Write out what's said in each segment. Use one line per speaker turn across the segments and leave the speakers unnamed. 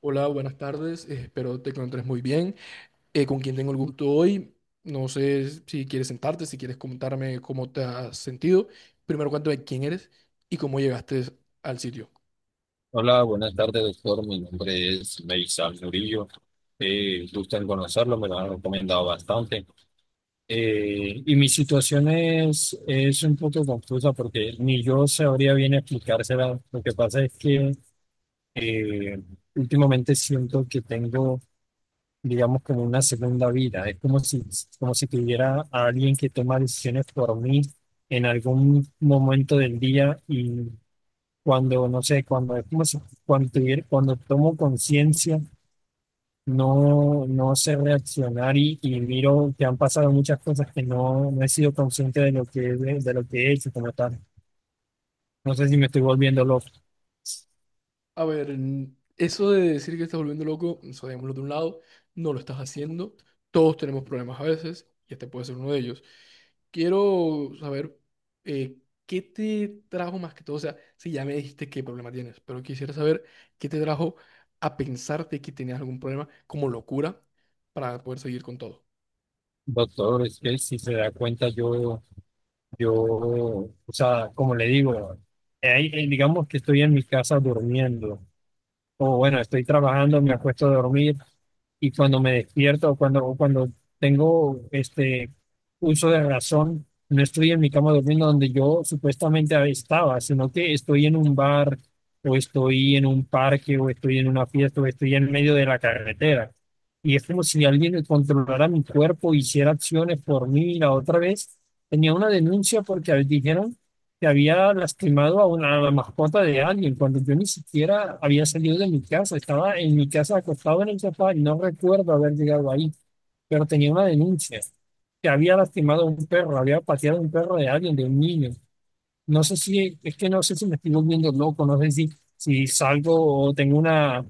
Hola, buenas tardes. Espero te encuentres muy bien. ¿Con quién tengo el gusto hoy? No sé si quieres sentarte, si quieres comentarme cómo te has sentido. Primero, cuéntame quién eres y cómo llegaste al sitio.
Hola, buenas tardes, doctor. Mi nombre es Meisal Murillo. Gusto en conocerlo, me lo han recomendado bastante. Y mi situación es un poco confusa porque ni yo sabría bien explicársela. Lo que pasa es que eh, últimamente siento que tengo, digamos, como una segunda vida. Es como si tuviera a alguien que toma decisiones por mí en algún momento del día y cuando, no sé, cuando es como si- cuando cuando tomo conciencia, no sé reaccionar y miro que han pasado muchas cosas que no he sido consciente de lo de lo que he hecho como tal. No sé si me estoy volviendo loco.
A ver, eso de decir que estás volviendo loco, eso dejémoslo de un lado, no lo estás haciendo. Todos tenemos problemas a veces, y este puede ser uno de ellos. Quiero saber eh, qué te trajo más que todo, o sea, si ya me dijiste qué problema tienes, pero quisiera saber qué te trajo a pensarte que tenías algún problema como locura para poder seguir con todo.
Doctor, es que si se da cuenta, yo, o sea, como le digo, digamos que estoy en mi casa durmiendo, o bueno, estoy trabajando, me acuesto a dormir, y cuando me despierto o cuando tengo este uso de razón, no estoy en mi cama durmiendo donde yo supuestamente estaba, sino que estoy en un bar o estoy en un parque o estoy en una fiesta o estoy en medio de la carretera. Y es como si alguien controlara mi cuerpo, hiciera acciones por mí. La otra vez tenía una denuncia porque dijeron que había lastimado a una a la mascota de alguien, cuando yo ni siquiera había salido de mi casa, estaba en mi casa acostado en el sofá y no recuerdo haber llegado ahí, pero tenía una denuncia que había lastimado a un perro, había pateado a un perro de alguien, de un niño. No sé si, es que no sé si me estoy volviendo loco, no sé si, si salgo o tengo una,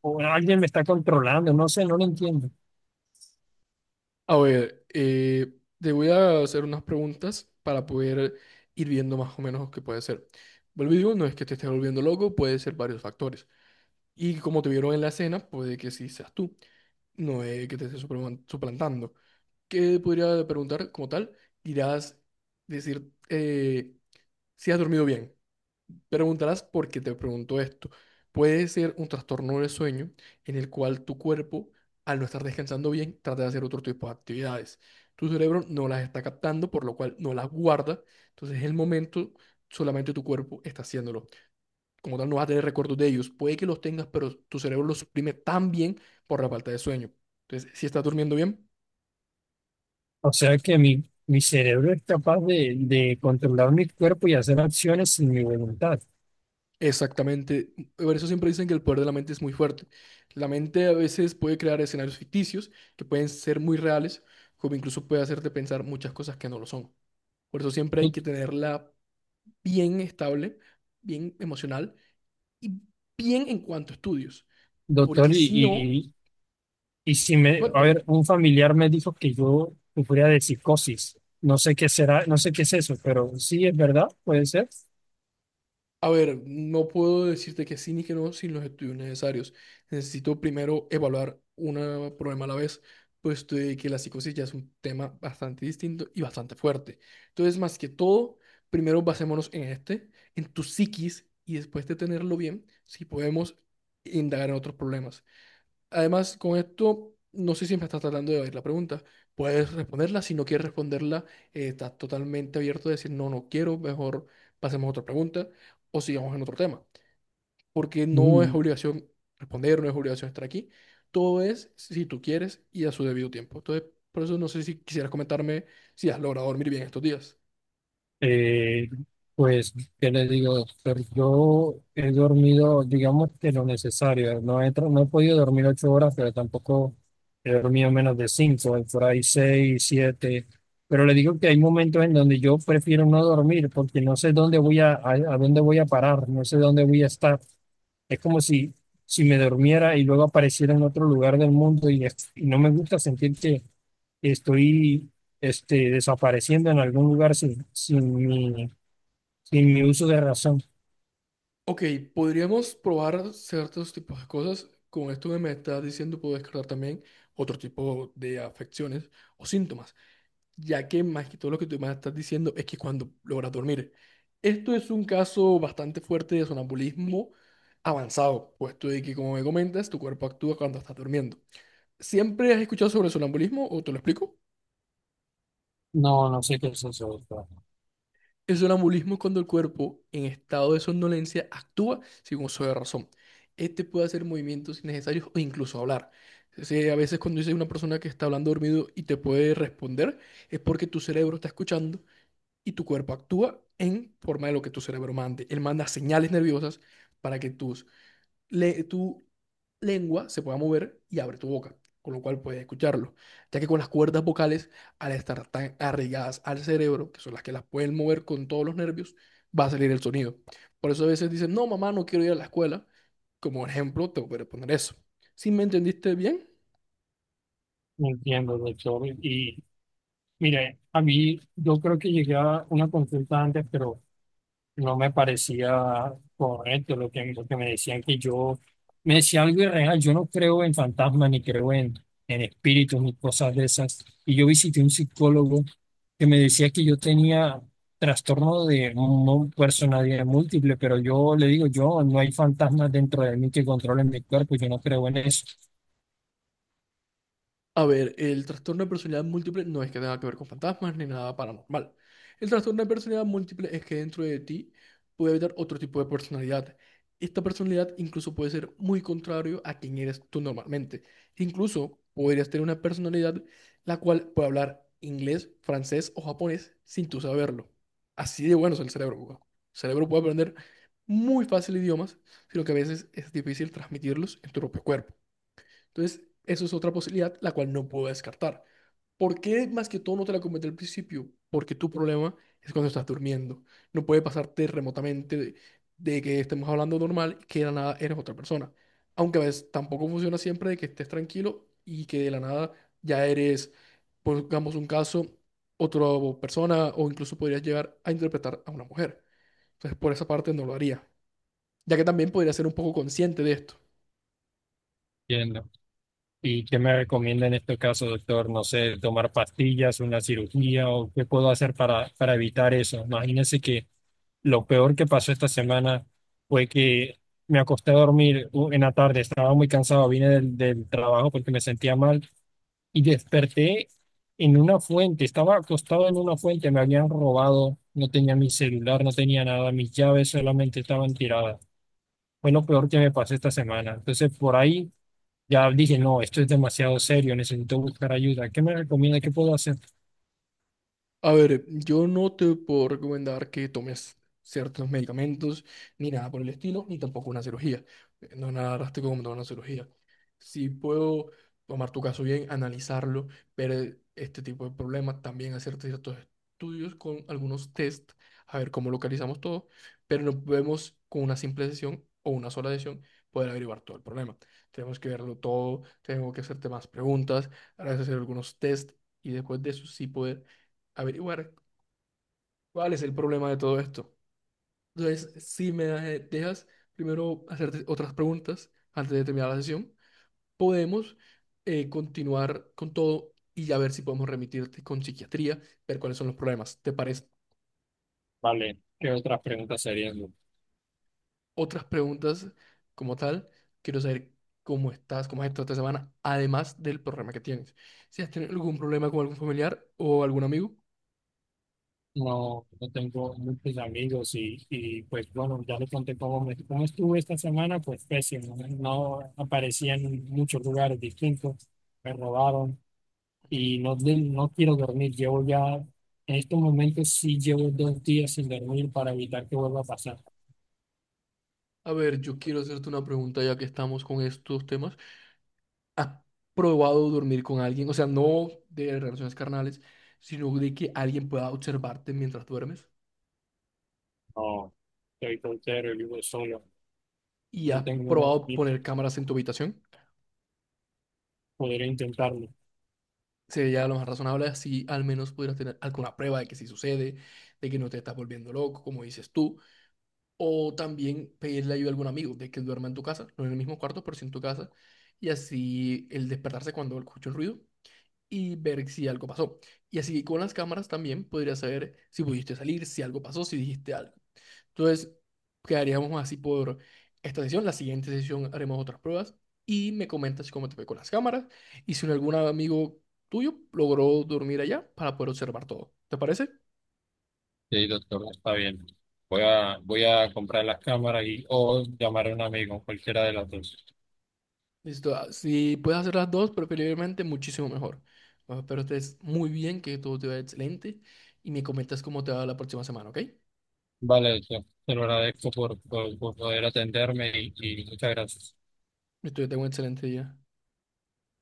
o alguien me está controlando, no sé, no lo entiendo.
A ver, te voy a hacer unas preguntas para poder ir viendo más o menos qué puede ser. Vuelvo y digo, no es que te estés volviendo loco, puede ser varios factores. Y como te vieron en la escena, puede que sí seas tú. No es que te estés suplantando. ¿Qué podría preguntar como tal? Irás decir si has dormido bien. Preguntarás por qué te pregunto esto. Puede ser un trastorno del sueño en el cual tu cuerpo, al no estar descansando bien, trata de hacer otro tipo de actividades. Tu cerebro no las está captando, por lo cual no las guarda. Entonces, en el momento, solamente tu cuerpo está haciéndolo. Como tal, no vas a tener recuerdos de ellos. Puede que los tengas, pero tu cerebro los suprime tan bien por la falta de sueño. Entonces, si estás durmiendo bien,
O sea que mi cerebro es capaz de controlar mi cuerpo y hacer acciones sin mi voluntad.
exactamente. Por eso siempre dicen que el poder de la mente es muy fuerte. La mente a veces puede crear escenarios ficticios que pueden ser muy reales, como incluso puede hacerte pensar muchas cosas que no lo son. Por eso siempre hay
¿Tú,
que tenerla bien estable, bien emocional y bien en cuanto a estudios.
Doctor,
Porque si no,
y si me, a
cuénteme.
ver, un familiar me dijo que yo sufría de psicosis. No sé qué será, no sé qué es eso, pero sí es verdad, puede ser.
A ver, no puedo decirte que sí ni que no sin los estudios necesarios. Necesito primero evaluar un problema a la vez, puesto de que la psicosis ya es un tema bastante distinto y bastante fuerte. Entonces, más que todo, primero basémonos en este, en tu psiquis, y después de tenerlo bien, si podemos indagar en otros problemas. Además, con esto, no sé si me estás tratando de oír la pregunta. Puedes responderla. Si no quieres responderla, estás totalmente abierto a decir, no, no quiero, mejor pasemos a otra pregunta o sigamos en otro tema. Porque no es
Mm.
obligación responder, no es obligación estar aquí. Todo es si tú quieres y a su debido tiempo. Entonces, por eso no sé si quisieras comentarme si has logrado dormir bien estos días.
Eh, pues, ¿Qué le digo, doctor? Yo he dormido, digamos que lo necesario. No he podido dormir 8 horas, pero tampoco he dormido menos de 5, por ahí 6, 7. Pero le digo que hay momentos en donde yo prefiero no dormir porque no sé dónde a dónde voy a parar, no sé dónde voy a estar. Es como si, si me durmiera y luego apareciera en otro lugar del mundo y no me gusta sentir que estoy desapareciendo en algún lugar sin mi uso de razón.
Ok, podríamos probar ciertos tipos de cosas. Con esto que me estás diciendo, puedo descartar también otro tipo de afecciones o síntomas, ya que más que todo lo que tú me estás diciendo es que cuando logras dormir. Esto es un caso bastante fuerte de sonambulismo avanzado, puesto de que, como me comentas, tu cuerpo actúa cuando estás durmiendo. ¿Siempre has escuchado sobre el sonambulismo o te lo explico?
No, no sé qué es eso, doctor.
El sonambulismo es cuando el cuerpo, en estado de somnolencia, actúa sin uso de razón. Este puede hacer movimientos innecesarios o incluso hablar. Entonces, a veces cuando dice una persona que está hablando dormido y te puede responder, es porque tu cerebro está escuchando y tu cuerpo actúa en forma de lo que tu cerebro mande. Él manda señales nerviosas para que tu lengua se pueda mover y abre tu boca, con lo cual puedes escucharlo. Ya que con las cuerdas vocales, al estar tan arraigadas al cerebro, que son las que las pueden mover con todos los nervios, va a salir el sonido. Por eso a veces dicen, no, mamá, no quiero ir a la escuela. Como ejemplo, te voy a poner eso. Si me entendiste bien,
No entiendo, doctor. Y mire, a mí yo creo que llegué a una consulta antes, pero no me parecía correcto lo que me decían que me decía algo irreal, yo no creo en fantasmas ni creo en espíritus ni cosas de esas. Y yo visité un psicólogo que me decía que yo tenía personalidad múltiple, pero yo le digo, yo no hay fantasmas dentro de mí que controlen mi cuerpo, yo no creo en eso.
a ver, el trastorno de personalidad múltiple no es que tenga que ver con fantasmas ni nada paranormal. El trastorno de personalidad múltiple es que dentro de ti puede haber otro tipo de personalidad. Esta personalidad incluso puede ser muy contrario a quien eres tú normalmente. Incluso podrías tener una personalidad la cual puede hablar inglés, francés o japonés sin tú saberlo. Así de bueno es el cerebro, weón. El cerebro puede aprender muy fácil idiomas, sino que a veces es difícil transmitirlos en tu propio cuerpo. Entonces, eso es otra posibilidad, la cual no puedo descartar. ¿Por qué más que todo no te la comenté al principio? Porque tu problema es cuando estás durmiendo. No puede pasarte remotamente de que estemos hablando normal y que de la nada eres otra persona. Aunque a veces tampoco funciona siempre de que estés tranquilo y que de la nada ya eres, pongamos un caso, otra persona o incluso podrías llegar a interpretar a una mujer. Entonces, por esa parte no lo haría ya que también podría ser un poco consciente de esto.
Entiendo. ¿Y qué me recomienda en este caso, doctor? No sé, tomar pastillas, una cirugía o qué puedo hacer para evitar eso. Imagínese que lo peor que pasó esta semana fue que me acosté a dormir u- en la tarde, estaba muy cansado, vine del trabajo porque me sentía mal y desperté en una fuente, estaba acostado en una fuente, me habían robado, no tenía mi celular, no tenía nada, mis llaves solamente estaban tiradas. Fue lo peor que me pasó esta semana. Entonces por ahí ya dije, no, esto es demasiado serio, necesito buscar ayuda. ¿Qué me recomienda? ¿Qué puedo hacer?
A ver, yo no te puedo recomendar que tomes ciertos medicamentos, ni nada por el estilo, ni tampoco una cirugía. No es nada drástico como tomar una cirugía. Si puedo tomar tu caso bien, analizarlo, ver este tipo de problemas, también hacer ciertos estudios con algunos test, a ver cómo localizamos todo, pero no podemos con una simple sesión o una sola sesión poder averiguar todo el problema. Tenemos que verlo todo, tengo que hacerte más preguntas, ahora hacer algunos test y después de eso sí poder averiguar cuál es el problema de todo esto. Entonces, si me dejas primero hacerte otras preguntas antes de terminar la sesión, podemos continuar con todo y ya ver si podemos remitirte con psiquiatría, ver cuáles son los problemas. ¿Te parece?
Vale, ¿qué otras preguntas serían?
Otras preguntas como tal, quiero saber cómo estás, cómo has estado esta semana, además del problema que tienes. Si has tenido algún problema con algún familiar o algún amigo.
No, no tengo muchos amigos y pues bueno, ya le conté cómo estuve esta semana, pues pésimo, ¿no? No aparecía en muchos lugares distintos, me robaron no quiero dormir, llevo ya, en estos momentos sí llevo 2 días sin dormir para evitar que vuelva a pasar.
A ver, yo quiero hacerte una pregunta ya que estamos con estos temas. ¿Has probado dormir con alguien? O sea, no de relaciones carnales, sino de que alguien pueda observarte mientras duermes
No, estoy soltero y vivo solo,
y
no
has
tengo, no,
probado
ni
poner cámaras en tu habitación.
podría intentarlo.
Sería lo más razonable, así al menos pudieras tener alguna prueba de que sí sucede, de que no te estás volviendo loco, como dices tú, o también pedirle ayuda a algún amigo de que duerma en tu casa, no en el mismo cuarto, pero sí en tu casa, y así el despertarse cuando escucha el ruido y ver si algo pasó. Y así con las cámaras también podrías saber si pudiste salir, si algo pasó, si dijiste algo. Entonces, quedaríamos así por esta sesión. La siguiente sesión haremos otras pruebas y me comentas cómo te fue con las cámaras y si algún amigo tuyo logró dormir allá para poder observar todo. ¿Te parece?
Sí, doctor, está bien. Voy a comprar las cámaras y o llamar a un amigo, cualquiera de las dos.
Listo. Si puedes hacer las dos, preferiblemente muchísimo mejor. Espero estés muy bien, que todo te vaya excelente y me comentas cómo te va la próxima semana, ¿ok?
Vale, yo te lo agradezco por poder atenderme y muchas gracias.
Listo, yo tengo un excelente día.